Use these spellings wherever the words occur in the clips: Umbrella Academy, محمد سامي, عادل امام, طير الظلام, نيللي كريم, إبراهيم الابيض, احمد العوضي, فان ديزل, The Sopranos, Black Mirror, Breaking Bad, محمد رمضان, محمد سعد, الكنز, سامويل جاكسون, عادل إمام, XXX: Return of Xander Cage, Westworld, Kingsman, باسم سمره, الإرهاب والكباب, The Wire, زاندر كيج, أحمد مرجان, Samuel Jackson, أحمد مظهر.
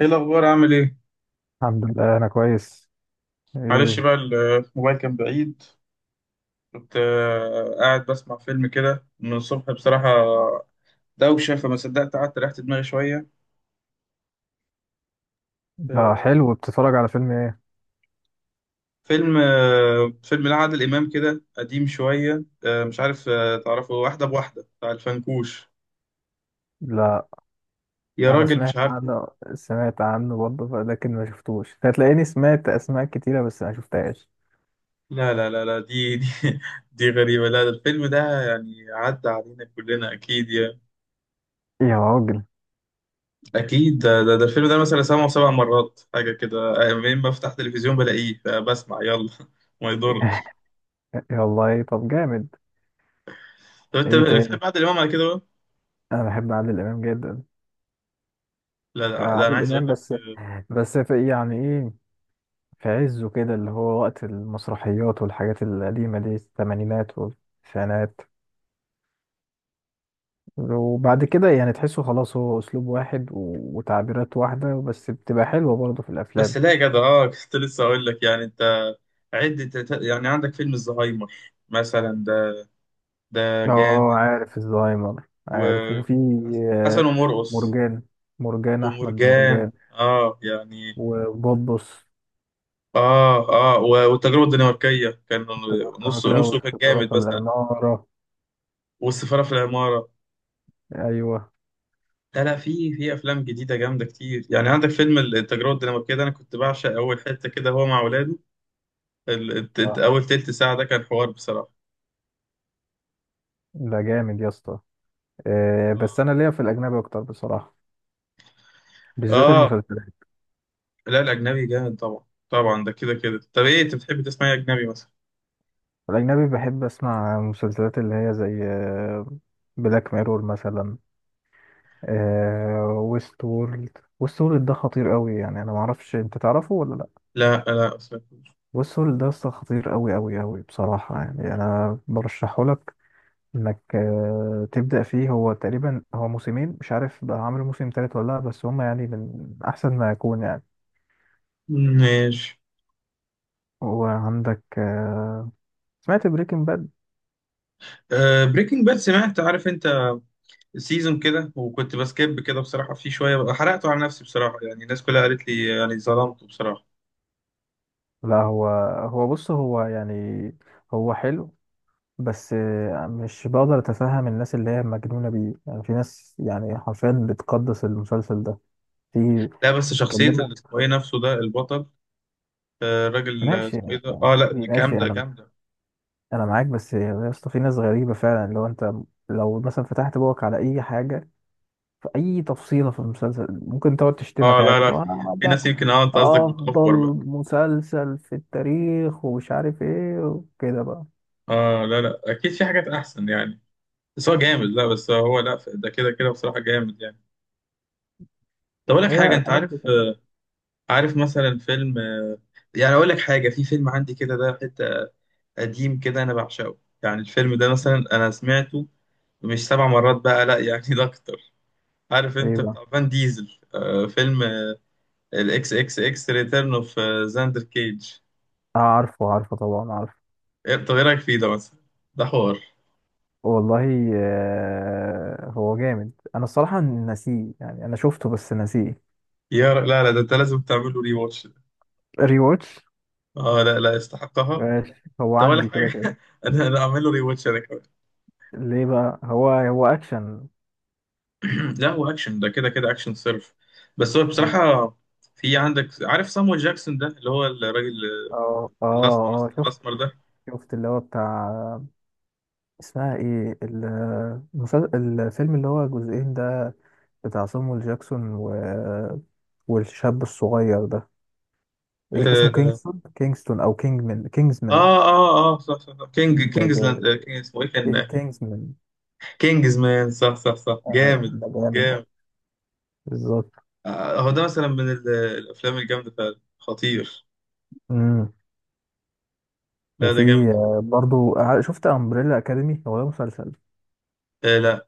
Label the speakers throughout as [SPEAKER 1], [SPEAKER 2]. [SPEAKER 1] ايه الاخبار، عامل ايه؟
[SPEAKER 2] الحمد لله انا كويس.
[SPEAKER 1] معلش
[SPEAKER 2] ايه
[SPEAKER 1] بقى، الموبايل كان بعيد. كنت قاعد بسمع فيلم كده من الصبح بصراحه. دوشه، فما صدقت قعدت ريحت دماغي شويه.
[SPEAKER 2] ده؟
[SPEAKER 1] آه،
[SPEAKER 2] حلو. بتتفرج على فيلم ايه؟
[SPEAKER 1] فيلم لعادل امام كده قديم شويه، مش عارف، تعرفه؟ واحده بواحده بتاع الفنكوش.
[SPEAKER 2] لا،
[SPEAKER 1] يا
[SPEAKER 2] انا
[SPEAKER 1] راجل مش
[SPEAKER 2] سمعت
[SPEAKER 1] عارفه؟
[SPEAKER 2] عنه. سمعت عنه برضه لكن ما شفتوش. هتلاقيني سمعت اسماء كتيره بس ما شفتهاش.
[SPEAKER 1] لا لا لا لا دي دي دي غريبه. لا، ده الفيلم ده يعني عدى علينا كلنا اكيد.
[SPEAKER 2] يا راجل.
[SPEAKER 1] اكيد ده الفيلم ده مثلا سبع مرات حاجه كده. منين بفتح تلفزيون بلاقيه فبسمع، يلا. ما يضرش.
[SPEAKER 2] يا والله طب جامد.
[SPEAKER 1] طب انت
[SPEAKER 2] ايه تاني؟
[SPEAKER 1] بتحب عادل امام على كده بقى؟
[SPEAKER 2] انا بحب عادل امام جدا.
[SPEAKER 1] لا لا، لا انا
[SPEAKER 2] عادل
[SPEAKER 1] عايز اقول
[SPEAKER 2] امام
[SPEAKER 1] لك.
[SPEAKER 2] بس. بس في يعني ايه، في عزه كده، اللي هو وقت المسرحيات والحاجات القديمه دي، الثمانينات والتسعينات. وبعد كده يعني تحسه خلاص، هو اسلوب واحد وتعبيرات واحده، بس بتبقى حلوه برضه في
[SPEAKER 1] بس
[SPEAKER 2] الافلام.
[SPEAKER 1] لا يا جدع، كنت لسه اقول لك يعني انت. عد يعني عندك فيلم الزهايمر مثلا ده، ده
[SPEAKER 2] اه،
[SPEAKER 1] جامد.
[SPEAKER 2] عارف الزهايمر، عارف. وفي آه،
[SPEAKER 1] وحسن ومرقص.
[SPEAKER 2] مرجان، مرجان احمد
[SPEAKER 1] ومرجان
[SPEAKER 2] مرجان.
[SPEAKER 1] اه يعني.
[SPEAKER 2] وبوبس،
[SPEAKER 1] اه. اه والتجربه الدنماركيه كان نص
[SPEAKER 2] التجعتكة
[SPEAKER 1] نصه كان
[SPEAKER 2] والستاره في
[SPEAKER 1] جامد مثلا،
[SPEAKER 2] العماره.
[SPEAKER 1] والسفاره في العماره.
[SPEAKER 2] ايوه.
[SPEAKER 1] لا لا، في افلام جديده جامده كتير. يعني عندك فيلم التجربه الدنماركيه ده، انا كنت بعشق اول حته كده، هو مع اولاده.
[SPEAKER 2] آه،
[SPEAKER 1] اول تلت ساعه ده كان حوار بصراحه.
[SPEAKER 2] ده جامد يا اسطى. بس انا ليا في الاجنبي اكتر بصراحه، بالذات
[SPEAKER 1] اه
[SPEAKER 2] المسلسلات.
[SPEAKER 1] لا الاجنبي جامد طبعا طبعا، ده كده كده. طب ايه انت بتحب تسمع إيه اجنبي مثلا؟
[SPEAKER 2] الاجنبي بحب اسمع مسلسلات اللي هي زي بلاك ميرور مثلا، آه ويست وورلد. ويست وورلد ده خطير قوي يعني، انا ما اعرفش انت تعرفه ولا لا.
[SPEAKER 1] لا لا أصلاً.
[SPEAKER 2] ويست وورلد ده أصلاً خطير قوي قوي قوي بصراحة يعني. انا برشحه لك انك تبدأ فيه. هو تقريبا هو موسمين، مش عارف بقى عامل موسم تالت ولا لا، بس هما يعني من احسن ما يكون يعني.
[SPEAKER 1] ماشي.
[SPEAKER 2] وعندك آه، سمعت بريكنج باد؟
[SPEAKER 1] آه، بريكنج باد سمعت، عارف انت. سيزون كده، وكنت بسكيب كده بصراحه في شويه بقى، حرقته على نفسي بصراحه، يعني الناس كلها قالت لي، يعني ظلمته بصراحه.
[SPEAKER 2] لا هو، هو بص هو يعني، هو حلو، بس مش بقدر اتفهم الناس اللي هي مجنونة بيه يعني. في ناس يعني حرفيا بتقدس المسلسل ده. في
[SPEAKER 1] لا بس شخصيه
[SPEAKER 2] بيتكلموا.
[SPEAKER 1] اللي اسمه ايه نفسه ده، البطل. الراجل،
[SPEAKER 2] ماشي
[SPEAKER 1] اسمه ايه
[SPEAKER 2] يعني
[SPEAKER 1] ده؟ اه لا
[SPEAKER 2] ماشي،
[SPEAKER 1] جامده
[SPEAKER 2] انا
[SPEAKER 1] جامده.
[SPEAKER 2] انا معاك، بس يا اسطى في ناس غريبة فعلا. لو انت، لو مثلا فتحت بوقك على اي حاجة في اي تفصيلة في المسلسل، ممكن تقعد
[SPEAKER 1] اه
[SPEAKER 2] تشتمك
[SPEAKER 1] لا
[SPEAKER 2] عادي،
[SPEAKER 1] لا،
[SPEAKER 2] اللي هو آه،
[SPEAKER 1] في
[SPEAKER 2] ده
[SPEAKER 1] ناس يمكن. اه انت قصدك
[SPEAKER 2] افضل
[SPEAKER 1] بتأفور بقى.
[SPEAKER 2] مسلسل في التاريخ ومش عارف ايه وكده بقى.
[SPEAKER 1] اه لا لا، اكيد في حاجات احسن يعني. بس هو جامد، لا بس هو، لا ده كده كده بصراحة جامد يعني. طب اقول لك
[SPEAKER 2] هي
[SPEAKER 1] حاجة، انت
[SPEAKER 2] الحاجات
[SPEAKER 1] عارف؟
[SPEAKER 2] دي كلها.
[SPEAKER 1] عارف مثلا فيلم، يعني اقول لك حاجة، في فيلم عندي كده، ده حتة قديم كده انا بعشقه، يعني الفيلم ده مثلا انا سمعته مش 7 مرات بقى، لا يعني ده اكتر. عارف
[SPEAKER 2] ايه
[SPEAKER 1] انت
[SPEAKER 2] بقى؟
[SPEAKER 1] بتاع فان ديزل؟ فيلم الاكس اكس اكس ريتيرن اوف زاندر كيج.
[SPEAKER 2] عارفه، عارفه طبعا، عارفه.
[SPEAKER 1] إيه، طب ايه رأيك فيه ده مثلا؟ ده حوار.
[SPEAKER 2] والله هو جامد. انا الصراحه ناسيه يعني، انا شفته بس ناسيه.
[SPEAKER 1] لا لا، ده انت لازم تعمل له ري واتش.
[SPEAKER 2] ري واتش؟
[SPEAKER 1] اه لا لا يستحقها.
[SPEAKER 2] ماشي. هو
[SPEAKER 1] ده ولا
[SPEAKER 2] عندي كده
[SPEAKER 1] حاجه
[SPEAKER 2] كده.
[SPEAKER 1] انا اعمل له ري واتش انا كمان.
[SPEAKER 2] ليه بقى؟ هو اكشن؟
[SPEAKER 1] لا هو اكشن، ده كده كده اكشن صرف. بس هو
[SPEAKER 2] اه،
[SPEAKER 1] بصراحه، في عندك عارف سامويل جاكسون ده اللي هو الراجل
[SPEAKER 2] اه،
[SPEAKER 1] الاسمر،
[SPEAKER 2] اه شفت،
[SPEAKER 1] ده.
[SPEAKER 2] شفت اللي هو بتاع، اسمها ايه الفيلم اللي هو جزئين ده، بتاع صامويل جاكسون و... والشاب الصغير ده، إيه
[SPEAKER 1] اه
[SPEAKER 2] اسمه؟ كينغستون، كينغستون او كينجمان؟ كينجزمان.
[SPEAKER 1] اه اه، صح صح صح، كينج
[SPEAKER 2] ده
[SPEAKER 1] كينجزلاند
[SPEAKER 2] جامد،
[SPEAKER 1] آه، كينج اسمه ايه كان
[SPEAKER 2] كينج
[SPEAKER 1] آه،
[SPEAKER 2] كينجزمان.
[SPEAKER 1] كينجز مان، صح صح صح
[SPEAKER 2] آه،
[SPEAKER 1] جامد
[SPEAKER 2] ده جامد ده،
[SPEAKER 1] جامد.
[SPEAKER 2] بالظبط.
[SPEAKER 1] هو ده مثلا من الافلام الجامده فعلا، خطير.
[SPEAKER 2] امم.
[SPEAKER 1] لا
[SPEAKER 2] وفي
[SPEAKER 1] ده جامد.
[SPEAKER 2] برضو شفت امبريلا اكاديمي، هو ده مسلسل.
[SPEAKER 1] آه لا.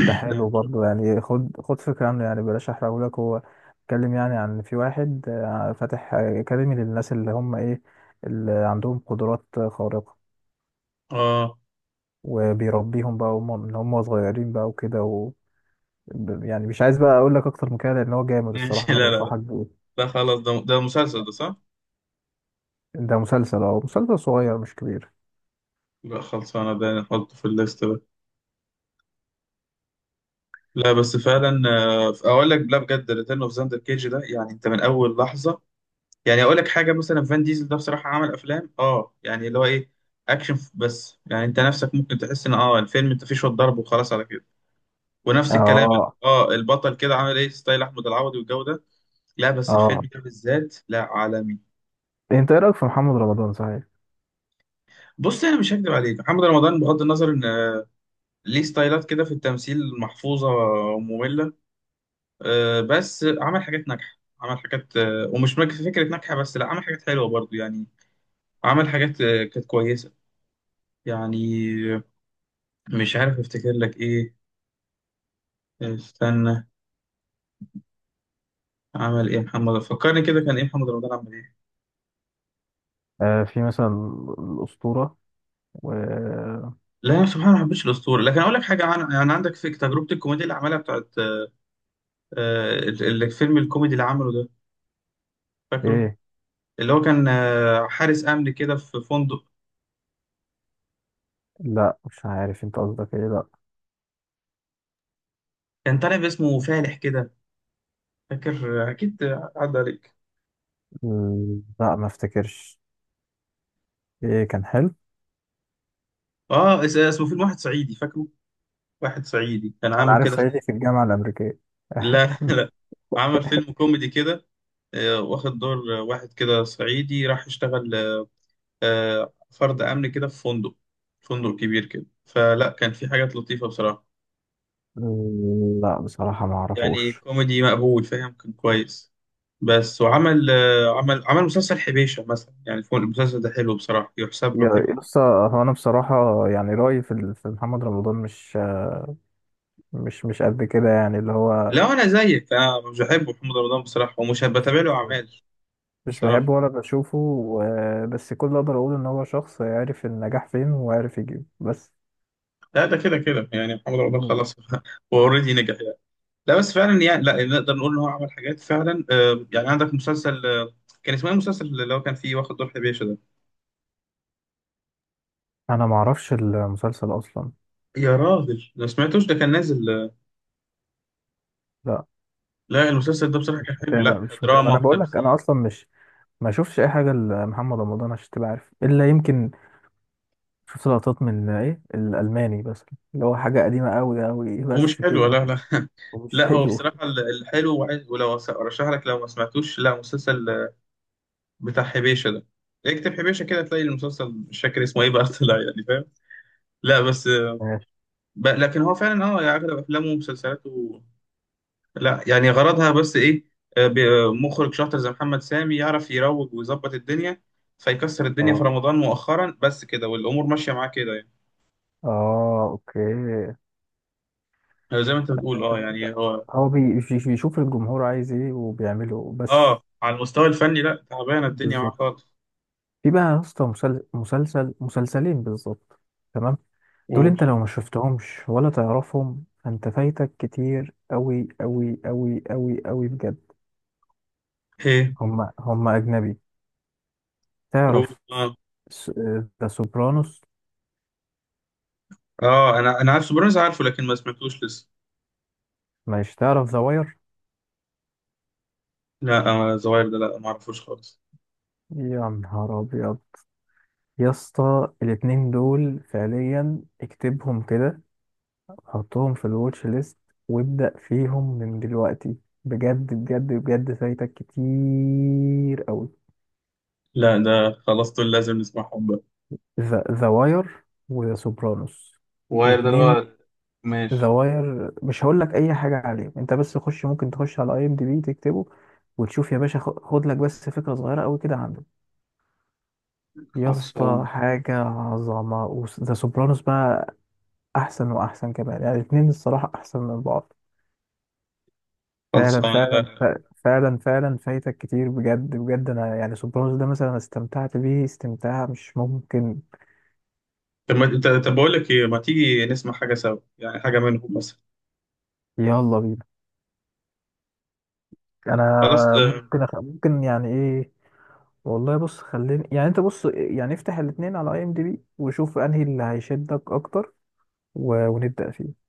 [SPEAKER 2] ده حلو
[SPEAKER 1] لا
[SPEAKER 2] برضو يعني. خد، خد فكره عنه يعني، بلاش احرقهولك. هو اتكلم يعني عن، في واحد فاتح اكاديمي للناس اللي هم ايه، اللي عندهم قدرات خارقه،
[SPEAKER 1] اه
[SPEAKER 2] وبيربيهم بقى وهم من هم صغيرين بقى وكده. يعني مش عايز بقى اقول لك اكتر من كده، لان هو جامد الصراحه،
[SPEAKER 1] ماشي.
[SPEAKER 2] انا
[SPEAKER 1] لا لا.
[SPEAKER 2] بنصحك بيه.
[SPEAKER 1] لا خلاص، ده مسلسل ده صح؟
[SPEAKER 2] ده مسلسل، اه، مسلسل صغير مش كبير.
[SPEAKER 1] لا خلاص انا ده احطه في الليست ده. لا بس فعلا، اقول لك لا بجد، ريتيرن اوف زاندر كيج ده يعني انت من اول لحظه، يعني اقول لك حاجه مثلا، فان ديزل ده بصراحه عمل افلام، اه يعني اللي هو ايه، اكشن، بس يعني انت نفسك ممكن تحس ان الفيلم انت فيه شويه ضرب وخلاص على كده ونفس الكلام.
[SPEAKER 2] اه،
[SPEAKER 1] اه البطل كده عامل ايه ستايل احمد العوضي والجو ده. لا بس
[SPEAKER 2] اه.
[SPEAKER 1] الفيلم ده بالذات، لا عالمي.
[SPEAKER 2] انت ايه رايك في محمد رمضان صحيح؟
[SPEAKER 1] بص، انا مش هكدب عليك، محمد رمضان بغض النظر ان ليه ستايلات كده في التمثيل محفوظه وممله، بس عمل حاجات ناجحة، عمل حاجات، ومش فكرة ناجحة. بس لا عمل حاجات حلوة برضو يعني، عمل حاجات كانت كويسة يعني. آه، مش عارف افتكر لك ايه. استنى، عمل ايه محمد، فكرني كده، كان ايه محمد رمضان عمل ايه؟
[SPEAKER 2] في مثلا الأسطورة، و
[SPEAKER 1] لا سبحان الله، ما حبيتش الاسطوره. لكن اقول لك حاجه، عن يعني عندك في تجربه الكوميديا اللي عملها بتاعت الفيلم الكوميدي اللي عمله ده، فاكره؟
[SPEAKER 2] ايه.
[SPEAKER 1] اللي هو كان حارس امن كده في فندق،
[SPEAKER 2] لا، مش عارف انت قصدك ايه. لا.
[SPEAKER 1] كان طالع باسمه فالح كده. فاكر؟ اكيد عدى عليك.
[SPEAKER 2] م، لا ما افتكرش. ايه كان حلو؟
[SPEAKER 1] اه اسمه فيلم واحد صعيدي، فاكره؟ واحد صعيدي كان
[SPEAKER 2] انا
[SPEAKER 1] عامل
[SPEAKER 2] عارف
[SPEAKER 1] كده.
[SPEAKER 2] صعيدي في الجامعة الأمريكية.
[SPEAKER 1] لا لا، عمل فيلم كوميدي كده، واخد دور واحد كده صعيدي راح يشتغل فرد أمن كده في فندق، فندق كبير كده. فلا كان في حاجات لطيفة بصراحة،
[SPEAKER 2] م، لا بصراحة ما
[SPEAKER 1] يعني
[SPEAKER 2] اعرفوش.
[SPEAKER 1] كوميدي مقبول، فاهم، كان كويس. بس وعمل عمل مسلسل حبيشة مثلا، يعني فوق، المسلسل ده حلو بصراحة، يحسب
[SPEAKER 2] يا،
[SPEAKER 1] له حلو.
[SPEAKER 2] لسه. هو انا بصراحة يعني، رأيي في في محمد رمضان مش، مش، مش قد كده يعني، اللي هو،
[SPEAKER 1] لا أنا زيك، أنا مش بحب محمد رمضان بصراحة، ومش بتابع له
[SPEAKER 2] مش،
[SPEAKER 1] أعمال.
[SPEAKER 2] مش
[SPEAKER 1] بصراحة
[SPEAKER 2] بحبه ولا بشوفه بس كل اللي اقدر اقوله ان هو شخص عارف النجاح فين وعارف يجيبه بس.
[SPEAKER 1] لا، ده كده كده يعني، محمد رمضان
[SPEAKER 2] مم.
[SPEAKER 1] خلاص هو اوريدي نجح. لا بس فعلا يعني، لا نقدر نقول ان هو عمل حاجات فعلا، يعني عندك مسلسل، كان اسمه ايه المسلسل اللي هو كان فيه واخد دور حبيشه ده؟
[SPEAKER 2] انا ما اعرفش المسلسل اصلا.
[SPEAKER 1] يا راجل ما سمعتوش؟ ده كان نازل،
[SPEAKER 2] لا
[SPEAKER 1] لا المسلسل ده بصراحه كان
[SPEAKER 2] مش
[SPEAKER 1] حلو،
[SPEAKER 2] متابع،
[SPEAKER 1] لا
[SPEAKER 2] مش متابع.
[SPEAKER 1] دراما
[SPEAKER 2] انا بقول لك انا
[SPEAKER 1] وتمثيل.
[SPEAKER 2] اصلا مش، ما اشوفش اي حاجه لمحمد رمضان عشان تبقى عارف، الا يمكن شفت لقطات من ايه الالماني بس، اللي هو حاجه قديمه قوي قوي،
[SPEAKER 1] ومش
[SPEAKER 2] بس
[SPEAKER 1] حلو
[SPEAKER 2] كده.
[SPEAKER 1] لا لا.
[SPEAKER 2] ومش
[SPEAKER 1] لا هو
[SPEAKER 2] حلو.
[SPEAKER 1] بصراحه الحلو ولو ارشح لك لو ما سمعتوش، لا مسلسل بتاع حبيشه ده، اكتب حبيشه كده تلاقي المسلسل، مش فاكر اسمه ايه بقى طلع يعني، فاهم؟ لا بس آه،
[SPEAKER 2] ماشي.
[SPEAKER 1] ب- لكن هو فعلا، اه يعني اغلب افلامه ومسلسلاته لا يعني غرضها بس ايه، مخرج شاطر زي محمد سامي يعرف يروج ويظبط الدنيا، فيكسر الدنيا في
[SPEAKER 2] اه،
[SPEAKER 1] رمضان مؤخرا، بس كده والامور ماشيه معاه كده يعني.
[SPEAKER 2] اه اوكي.
[SPEAKER 1] زي ما انت بتقول، اه يعني هو،
[SPEAKER 2] هو بيشوف الجمهور عايز ايه وبيعمله بس.
[SPEAKER 1] اه على المستوى الفني لا، تعبانه الدنيا معاه
[SPEAKER 2] بالظبط.
[SPEAKER 1] خالص.
[SPEAKER 2] في بقى يا اسطى مسلسل، مسلسلين بالظبط. تمام. دول
[SPEAKER 1] قول
[SPEAKER 2] انت لو ما شفتهمش ولا تعرفهم، فانت فايتك كتير قوي قوي قوي قوي قوي بجد.
[SPEAKER 1] ايه؟
[SPEAKER 2] هم هم أجنبي.
[SPEAKER 1] قول
[SPEAKER 2] تعرف
[SPEAKER 1] اه.
[SPEAKER 2] ذا سوبرانوس؟
[SPEAKER 1] اه انا عارف سوبرانوس عارفه، لكن ما سمعتوش لسه.
[SPEAKER 2] مش تعرف ذا واير؟
[SPEAKER 1] لا آه، زواير ده لا ما اعرفوش خالص.
[SPEAKER 2] يا نهار أبيض. يا اسطى الاتنين دول فعليا اكتبهم كده، حطهم في الواتش ليست وابدأ فيهم من دلوقتي، بجد بجد بجد فايتك كتير أوي.
[SPEAKER 1] لا ده خلاص، دول لازم نسمعهم بقى.
[SPEAKER 2] ذا واير وذا سوبرانوس،
[SPEAKER 1] واير ده اللي
[SPEAKER 2] الاتنين.
[SPEAKER 1] هو
[SPEAKER 2] ذا
[SPEAKER 1] ماشي.
[SPEAKER 2] واير مش هقول لك اي حاجه عليه، انت بس خش، ممكن تخش على IMDb، تكتبه وتشوف يا باشا، خد لك بس فكره صغيره قوي كده عنده. يا اسطى
[SPEAKER 1] خلصان.
[SPEAKER 2] حاجه عظمه. وذا سوبرانوس بقى احسن واحسن كمان، يعني الاتنين الصراحه احسن من بعض فعلا،
[SPEAKER 1] خلصانه لا.
[SPEAKER 2] فعلا. فعلا فعلا فايتك كتير بجد بجد. انا يعني سوبرانوس ده مثلا استمتعت بيه استمتاع مش ممكن.
[SPEAKER 1] طب ما انت، طب بقول لك ايه، ما تيجي نسمع حاجه سوا، يعني حاجه منهم مثلا.
[SPEAKER 2] يلا بينا. انا
[SPEAKER 1] خلاص اه،
[SPEAKER 2] ممكن ممكن يعني ايه، والله بص خليني يعني، انت بص يعني افتح الاتنين على IMDb وشوف انهي اللي هيشدك اكتر، و... ونبدأ فيه.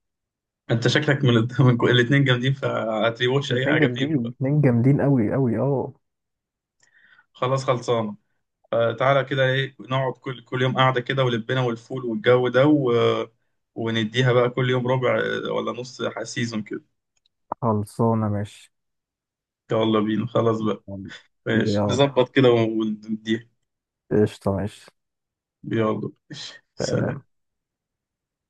[SPEAKER 1] انت شكلك من الاثنين جامدين، فهتريوش اي
[SPEAKER 2] الاتنين
[SPEAKER 1] حاجه فيهم.
[SPEAKER 2] جامدين، اتنين جامدين قوي قوي اه.
[SPEAKER 1] خلاص خلصانه. فتعالى كده ايه، نقعد كل يوم قاعده كده ولبنا والفول والجو ده و... ونديها بقى كل يوم ربع، اه، ولا سيزون كده.
[SPEAKER 2] خلصانه ماشي.
[SPEAKER 1] يلا بينا خلاص بقى ماشي
[SPEAKER 2] يلا.
[SPEAKER 1] نظبط كده ونديها
[SPEAKER 2] قشطه ماشي.
[SPEAKER 1] يلا ماشي.
[SPEAKER 2] سلام.
[SPEAKER 1] سلام